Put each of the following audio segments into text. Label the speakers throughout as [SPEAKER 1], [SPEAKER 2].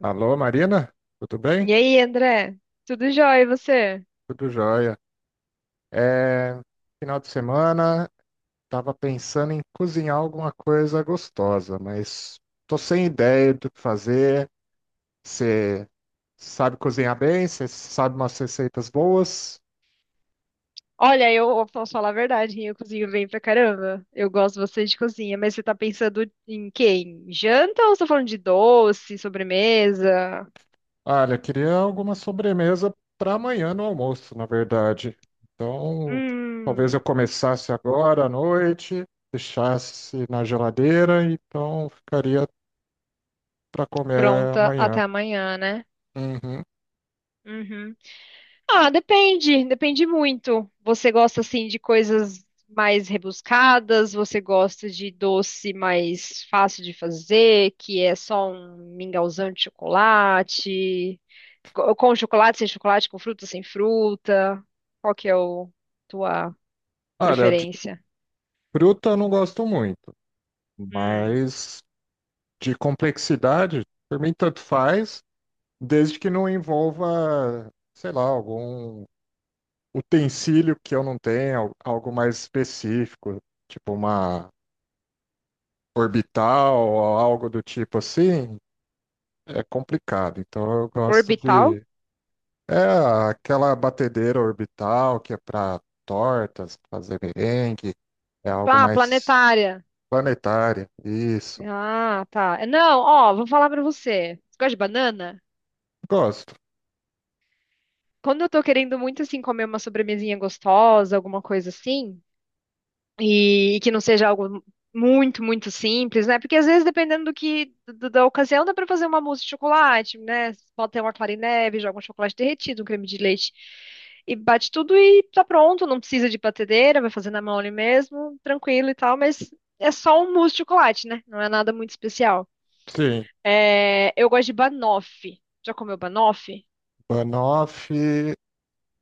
[SPEAKER 1] Alô, Marina? Tudo bem?
[SPEAKER 2] E aí, André? Tudo jóia, e você?
[SPEAKER 1] Tudo jóia. É, final de semana, estava pensando em cozinhar alguma coisa gostosa, mas tô sem ideia do que fazer. Você sabe cozinhar bem? Você sabe umas receitas boas?
[SPEAKER 2] Olha, eu posso falar a verdade, eu cozinho bem pra caramba. Eu gosto bastante de cozinha, mas você tá pensando em quê? Em janta ou você tá falando de doce, sobremesa?
[SPEAKER 1] Olha, eu queria alguma sobremesa para amanhã no almoço, na verdade. Então, talvez
[SPEAKER 2] Hum,
[SPEAKER 1] eu começasse agora à noite, deixasse na geladeira, então ficaria para comer
[SPEAKER 2] pronta até
[SPEAKER 1] amanhã.
[SPEAKER 2] amanhã, né?
[SPEAKER 1] Uhum.
[SPEAKER 2] Uhum. Ah, depende, depende muito. Você gosta assim de coisas mais rebuscadas? Você gosta de doce mais fácil de fazer, que é só um mingauzão de chocolate? Com chocolate, sem chocolate, com fruta, sem fruta? Qual que é o tua
[SPEAKER 1] Olha, de
[SPEAKER 2] preferência?
[SPEAKER 1] fruta eu não gosto muito,
[SPEAKER 2] Hum.
[SPEAKER 1] mas de complexidade, por mim tanto faz, desde que não envolva, sei lá, algum utensílio que eu não tenha, algo mais específico, tipo uma orbital ou algo do tipo assim, é complicado. Então eu gosto
[SPEAKER 2] Orbital?
[SPEAKER 1] de. É aquela batedeira orbital que é para tortas, fazer merengue, é algo
[SPEAKER 2] Ah,
[SPEAKER 1] mais
[SPEAKER 2] planetária.
[SPEAKER 1] planetário, isso.
[SPEAKER 2] Ah, tá. Não, ó, vou falar pra você. Você gosta de banana?
[SPEAKER 1] Gosto.
[SPEAKER 2] Quando eu tô querendo muito, assim, comer uma sobremesinha gostosa, alguma coisa assim, e que não seja algo muito, muito simples, né? Porque às vezes, dependendo do que, da ocasião, dá pra fazer uma mousse de chocolate, né? Pode ter uma clara em neve, joga um chocolate derretido, um creme de leite. E bate tudo e tá pronto, não precisa de batedeira, vai fazer na mão ali mesmo, tranquilo e tal, mas é só um mousse de chocolate, né? Não é nada muito especial.
[SPEAKER 1] Sim,
[SPEAKER 2] É, eu gosto de banoffee. Já comeu banoffee?
[SPEAKER 1] banoffee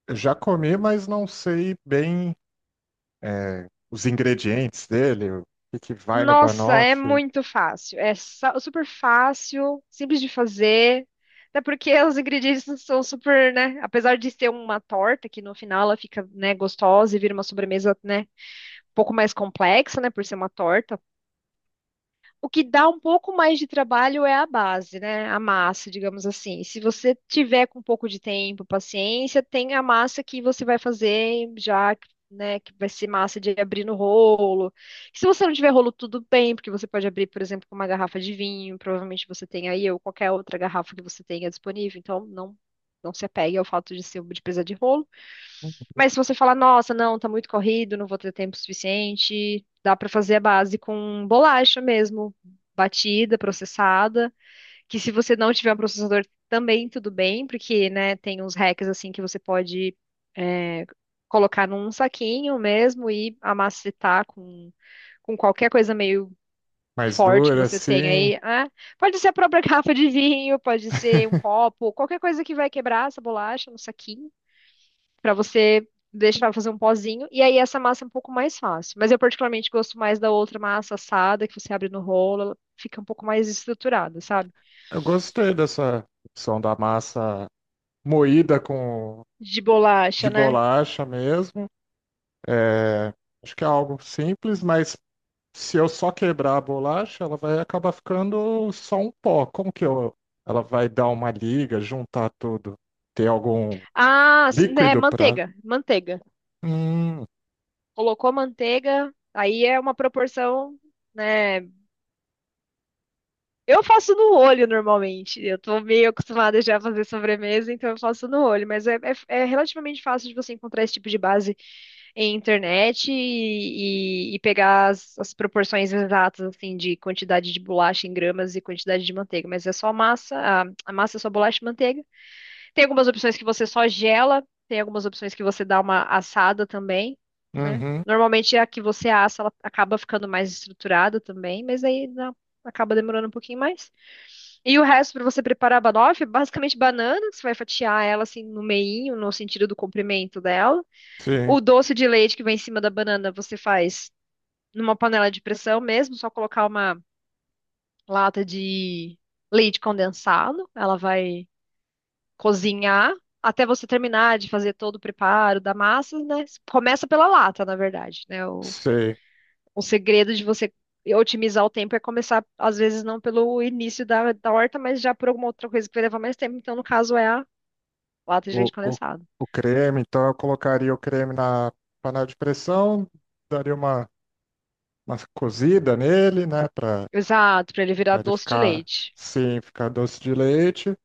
[SPEAKER 1] eu já comi, mas não sei bem é, os ingredientes dele, o que que vai no
[SPEAKER 2] Nossa, é
[SPEAKER 1] banoffee,
[SPEAKER 2] muito fácil. É super fácil, simples de fazer. Até porque os ingredientes são super, né? Apesar de ser uma torta, que no final ela fica, né, gostosa e vira uma sobremesa, né, um pouco mais complexa, né, por ser uma torta. O que dá um pouco mais de trabalho é a base, né? A massa, digamos assim. Se você tiver com um pouco de tempo, paciência, tem a massa que você vai fazer já, né? Que vai ser massa de abrir no rolo. Se você não tiver rolo, tudo bem, porque você pode abrir, por exemplo, com uma garrafa de vinho, provavelmente você tem aí, ou qualquer outra garrafa que você tenha disponível. Então, não, não se apegue ao fato de ser de precisar de rolo. Mas se você falar, nossa, não, tá muito corrido, não vou ter tempo suficiente, dá pra fazer a base com bolacha mesmo, batida, processada, que se você não tiver um processador também tudo bem, porque, né, tem uns hacks assim que você pode é, colocar num saquinho mesmo e amacetar com qualquer coisa meio
[SPEAKER 1] mais
[SPEAKER 2] forte que
[SPEAKER 1] dura,
[SPEAKER 2] você tenha
[SPEAKER 1] assim.
[SPEAKER 2] aí. Ah, pode ser a própria garrafa de vinho, pode ser um copo, qualquer coisa que vai quebrar essa bolacha no saquinho para você deixar fazer um pozinho. E aí essa massa é um pouco mais fácil. Mas eu particularmente gosto mais da outra massa assada, que você abre no rolo, ela fica um pouco mais estruturada, sabe?
[SPEAKER 1] Eu gostei dessa opção da massa moída com
[SPEAKER 2] De
[SPEAKER 1] de
[SPEAKER 2] bolacha, né?
[SPEAKER 1] bolacha mesmo. É, acho que é algo simples, mas se eu só quebrar a bolacha, ela vai acabar ficando só um pó. Como que eu, ela vai dar uma liga, juntar tudo, ter algum
[SPEAKER 2] Ah, sim, né,
[SPEAKER 1] líquido para.
[SPEAKER 2] manteiga, manteiga.
[SPEAKER 1] Hum,
[SPEAKER 2] Colocou manteiga, aí é uma proporção, né? Eu faço no olho normalmente. Eu tô meio acostumada já a fazer sobremesa, então eu faço no olho. Mas é relativamente fácil de você encontrar esse tipo de base em internet e pegar as, as proporções exatas, assim, de quantidade de bolacha em gramas e quantidade de manteiga. Mas é só massa, a massa é só bolacha e manteiga. Tem algumas opções que você só gela, tem algumas opções que você dá uma assada também, né?
[SPEAKER 1] uhum,
[SPEAKER 2] Normalmente a que você assa, ela acaba ficando mais estruturada também, mas acaba demorando um pouquinho mais. E o resto para você preparar a banoffee, é basicamente banana, que você vai fatiar ela assim no meinho, no sentido do comprimento dela.
[SPEAKER 1] sim,
[SPEAKER 2] O doce de leite que vai em cima da banana, você faz numa panela de pressão mesmo, só colocar uma lata de leite condensado, ela vai cozinhar até você terminar de fazer todo o preparo da massa, né? Começa pela lata, na verdade, né?
[SPEAKER 1] sei.
[SPEAKER 2] O segredo de você otimizar o tempo é começar, às vezes, não pelo início da, da horta, mas já por alguma outra coisa que vai levar mais tempo. Então, no caso, é a lata de
[SPEAKER 1] O,
[SPEAKER 2] leite
[SPEAKER 1] o,
[SPEAKER 2] condensado.
[SPEAKER 1] o creme, então eu colocaria o creme na panela de pressão, daria uma cozida nele, né, para
[SPEAKER 2] Exato, pra ele virar
[SPEAKER 1] ele
[SPEAKER 2] doce de
[SPEAKER 1] ficar,
[SPEAKER 2] leite.
[SPEAKER 1] sim, ficar doce de leite.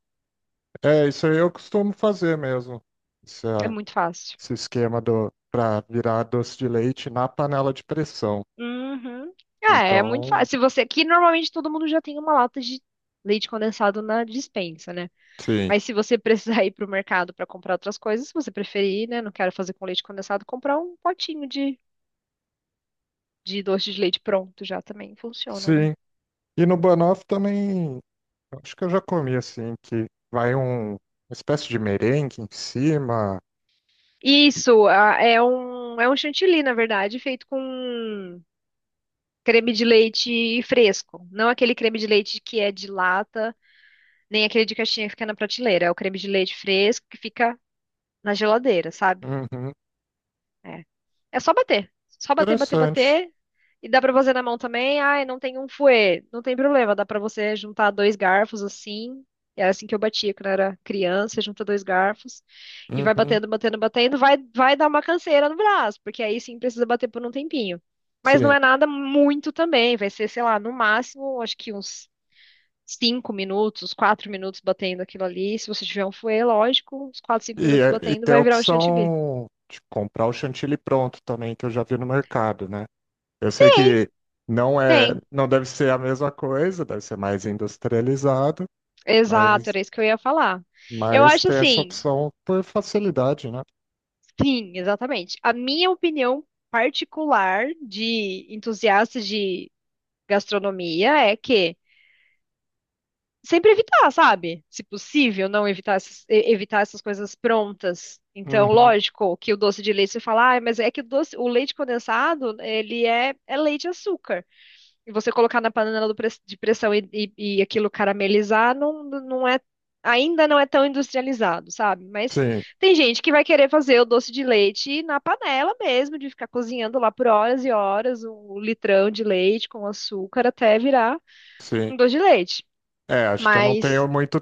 [SPEAKER 1] É, isso aí eu costumo fazer mesmo, esse,
[SPEAKER 2] É
[SPEAKER 1] ah,
[SPEAKER 2] muito fácil.
[SPEAKER 1] esse esquema do para virar doce de leite na panela de pressão.
[SPEAKER 2] Uhum. É, é muito fácil.
[SPEAKER 1] Então,
[SPEAKER 2] Se você, que normalmente todo mundo já tem uma lata de leite condensado na despensa, né?
[SPEAKER 1] sim,
[SPEAKER 2] Mas se você precisar ir pro mercado pra comprar outras coisas, se você preferir, né, não quero fazer com leite condensado, comprar um potinho de doce de leite pronto já também funciona, né?
[SPEAKER 1] sim. E no banoffee também acho que eu já comi assim, que vai uma espécie de merengue em cima.
[SPEAKER 2] Isso, é um chantilly, na verdade, feito com creme de leite fresco, não aquele creme de leite que é de lata. Nem aquele de caixinha que fica na prateleira. É o creme de leite fresco que fica na geladeira, sabe?
[SPEAKER 1] Uhum.
[SPEAKER 2] É. É só bater. Só bater, bater,
[SPEAKER 1] Interessante.
[SPEAKER 2] bater. E dá pra fazer na mão também. Ai, não tem um fouet. Não tem problema. Dá pra você juntar dois garfos assim. Era assim que eu batia quando eu era criança. Junta dois garfos. E vai
[SPEAKER 1] Uhum.
[SPEAKER 2] batendo, batendo, batendo. Vai dar uma canseira no braço. Porque aí sim precisa bater por um tempinho. Mas não
[SPEAKER 1] Sim.
[SPEAKER 2] é nada muito também. Vai ser, sei lá, no máximo, acho que uns cinco minutos, quatro minutos batendo aquilo ali. Se você tiver um fouet, lógico, uns quatro, cinco
[SPEAKER 1] E,
[SPEAKER 2] minutos
[SPEAKER 1] é- e
[SPEAKER 2] batendo,
[SPEAKER 1] tem a
[SPEAKER 2] vai virar um chantilly.
[SPEAKER 1] opção de comprar o chantilly pronto também, que eu já vi no mercado, né? Eu sei
[SPEAKER 2] Tem,
[SPEAKER 1] que
[SPEAKER 2] tem.
[SPEAKER 1] não deve ser a mesma coisa, deve ser mais industrializado. É.
[SPEAKER 2] Exato,
[SPEAKER 1] Mas
[SPEAKER 2] era isso que eu ia falar. Eu
[SPEAKER 1] mas
[SPEAKER 2] acho
[SPEAKER 1] tem essa
[SPEAKER 2] assim,
[SPEAKER 1] opção por facilidade, né?
[SPEAKER 2] sim, exatamente. A minha opinião particular de entusiasta de gastronomia é que sempre evitar, sabe? Se possível, não evitar essas, evitar essas coisas prontas. Então,
[SPEAKER 1] Uhum.
[SPEAKER 2] lógico que o doce de leite você fala, ah, mas é que o doce, o leite condensado, ele é leite e açúcar. E você colocar na panela de pressão e aquilo caramelizar, não, não é, ainda não é tão industrializado, sabe? Mas
[SPEAKER 1] Sim,
[SPEAKER 2] tem gente que vai querer fazer o doce de leite na panela mesmo, de ficar cozinhando lá por horas e horas um litrão de leite com açúcar até virar
[SPEAKER 1] sim.
[SPEAKER 2] um doce de leite.
[SPEAKER 1] É, acho que eu não tenho
[SPEAKER 2] Mas
[SPEAKER 1] muito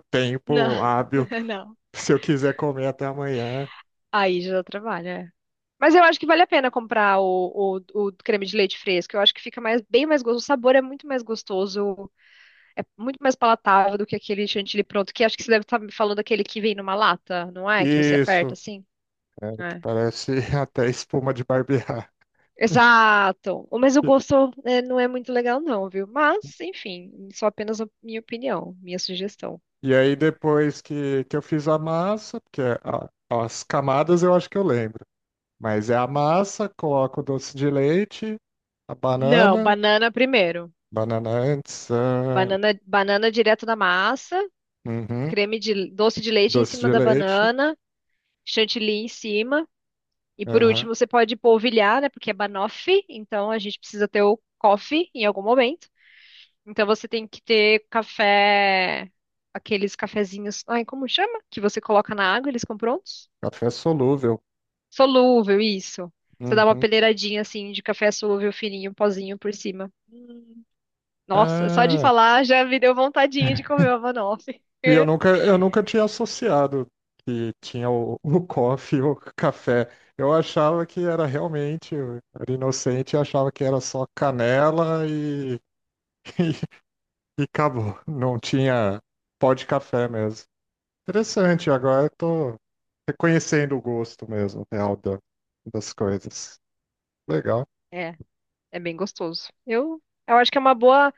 [SPEAKER 2] não,
[SPEAKER 1] tempo hábil
[SPEAKER 2] não.
[SPEAKER 1] se eu quiser comer até amanhã.
[SPEAKER 2] Aí já trabalha. Mas eu acho que vale a pena comprar o creme de leite fresco. Eu acho que fica mais, bem mais gostoso. O sabor é muito mais gostoso. É muito mais palatável do que aquele chantilly pronto, que acho que você deve estar me falando daquele que vem numa lata, não é? Que você
[SPEAKER 1] Isso,
[SPEAKER 2] aperta assim?
[SPEAKER 1] é, que
[SPEAKER 2] É.
[SPEAKER 1] parece até espuma de barbear.
[SPEAKER 2] Exato. Mas o gosto é, não é muito legal, não, viu? Mas, enfim, só apenas a minha opinião, minha sugestão.
[SPEAKER 1] E aí depois que eu fiz a massa, as camadas eu acho que eu lembro, mas é a massa, coloco o doce de leite, a
[SPEAKER 2] Não,
[SPEAKER 1] banana,
[SPEAKER 2] banana primeiro.
[SPEAKER 1] banana antes, ah,
[SPEAKER 2] Banana, banana direto da massa,
[SPEAKER 1] uhum,
[SPEAKER 2] creme de doce de leite em
[SPEAKER 1] doce
[SPEAKER 2] cima
[SPEAKER 1] de
[SPEAKER 2] da
[SPEAKER 1] leite,
[SPEAKER 2] banana, chantilly em cima. E por
[SPEAKER 1] aham,
[SPEAKER 2] último, você pode polvilhar, né? Porque é banoffee, então a gente precisa ter o coffee em algum momento. Então você tem que ter café, aqueles cafezinhos, ai, como chama? Que você coloca na água, eles ficam prontos?
[SPEAKER 1] café solúvel,
[SPEAKER 2] Solúvel, isso. Você dá uma
[SPEAKER 1] uhum,
[SPEAKER 2] peneiradinha assim de café solúvel fininho, pozinho por cima. Hum. Nossa, só de
[SPEAKER 1] ah.
[SPEAKER 2] falar já me deu vontadinha de comer uma banoffee.
[SPEAKER 1] E eu nunca tinha associado que tinha o coffee e o café. Eu achava que era realmente, eu era inocente, e achava que era só canela e, e acabou. Não tinha pó de café mesmo. Interessante, agora eu tô reconhecendo o gosto mesmo, das coisas. Legal.
[SPEAKER 2] É, é bem gostoso. Eu acho que é uma boa.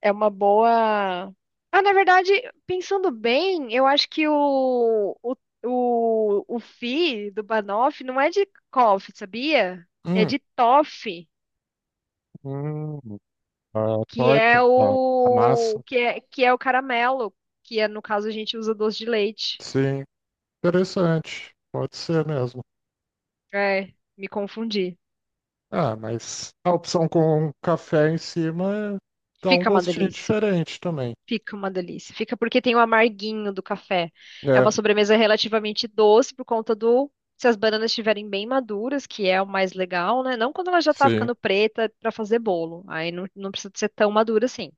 [SPEAKER 2] É uma boa. Ah, na verdade, pensando bem, eu acho que o fi do Banoff não é de Koff, sabia? É
[SPEAKER 1] Hum,
[SPEAKER 2] de Toff,
[SPEAKER 1] hum, a torta, a, a massa.
[SPEAKER 2] que é o caramelo, que é, no caso a gente usa doce de leite.
[SPEAKER 1] Sim, interessante. Pode ser mesmo.
[SPEAKER 2] É, me confundi.
[SPEAKER 1] Ah, mas a opção com café em cima dá um
[SPEAKER 2] Fica uma
[SPEAKER 1] gostinho
[SPEAKER 2] delícia.
[SPEAKER 1] diferente também.
[SPEAKER 2] Fica uma delícia. Fica porque tem o amarguinho do café. É uma
[SPEAKER 1] É,
[SPEAKER 2] sobremesa relativamente doce por conta do. Se as bananas estiverem bem maduras, que é o mais legal, né? Não quando ela já tá
[SPEAKER 1] sim.
[SPEAKER 2] ficando preta para fazer bolo. Aí não, não precisa ser tão madura assim.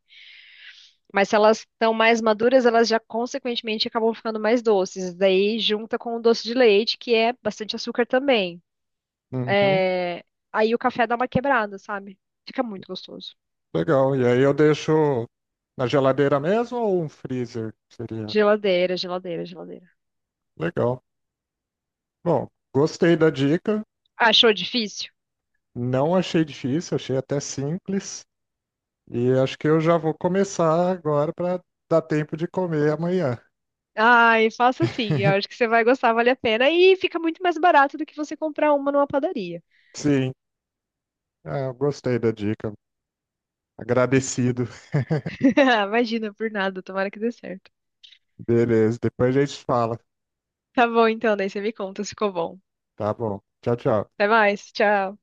[SPEAKER 2] Mas se elas estão mais maduras, elas já consequentemente acabam ficando mais doces. Daí junta com o doce de leite, que é bastante açúcar também.
[SPEAKER 1] Uhum,
[SPEAKER 2] É, aí o café dá uma quebrada, sabe? Fica muito gostoso.
[SPEAKER 1] legal. E aí eu deixo na geladeira mesmo ou um freezer? Seria
[SPEAKER 2] Geladeira, geladeira, geladeira.
[SPEAKER 1] legal. Bom, gostei da dica.
[SPEAKER 2] Achou difícil?
[SPEAKER 1] Não achei difícil, achei até simples. E acho que eu já vou começar agora para dar tempo de comer amanhã.
[SPEAKER 2] Ai, faça assim. Eu acho que você vai gostar, vale a pena. E fica muito mais barato do que você comprar uma numa padaria.
[SPEAKER 1] Sim, ah, eu gostei da dica. Agradecido.
[SPEAKER 2] Imagina, por nada, tomara que dê certo.
[SPEAKER 1] Beleza, depois a gente fala.
[SPEAKER 2] Tá bom, então, daí você me conta se ficou bom.
[SPEAKER 1] Tá bom. Tchau, tchau.
[SPEAKER 2] Até mais, tchau.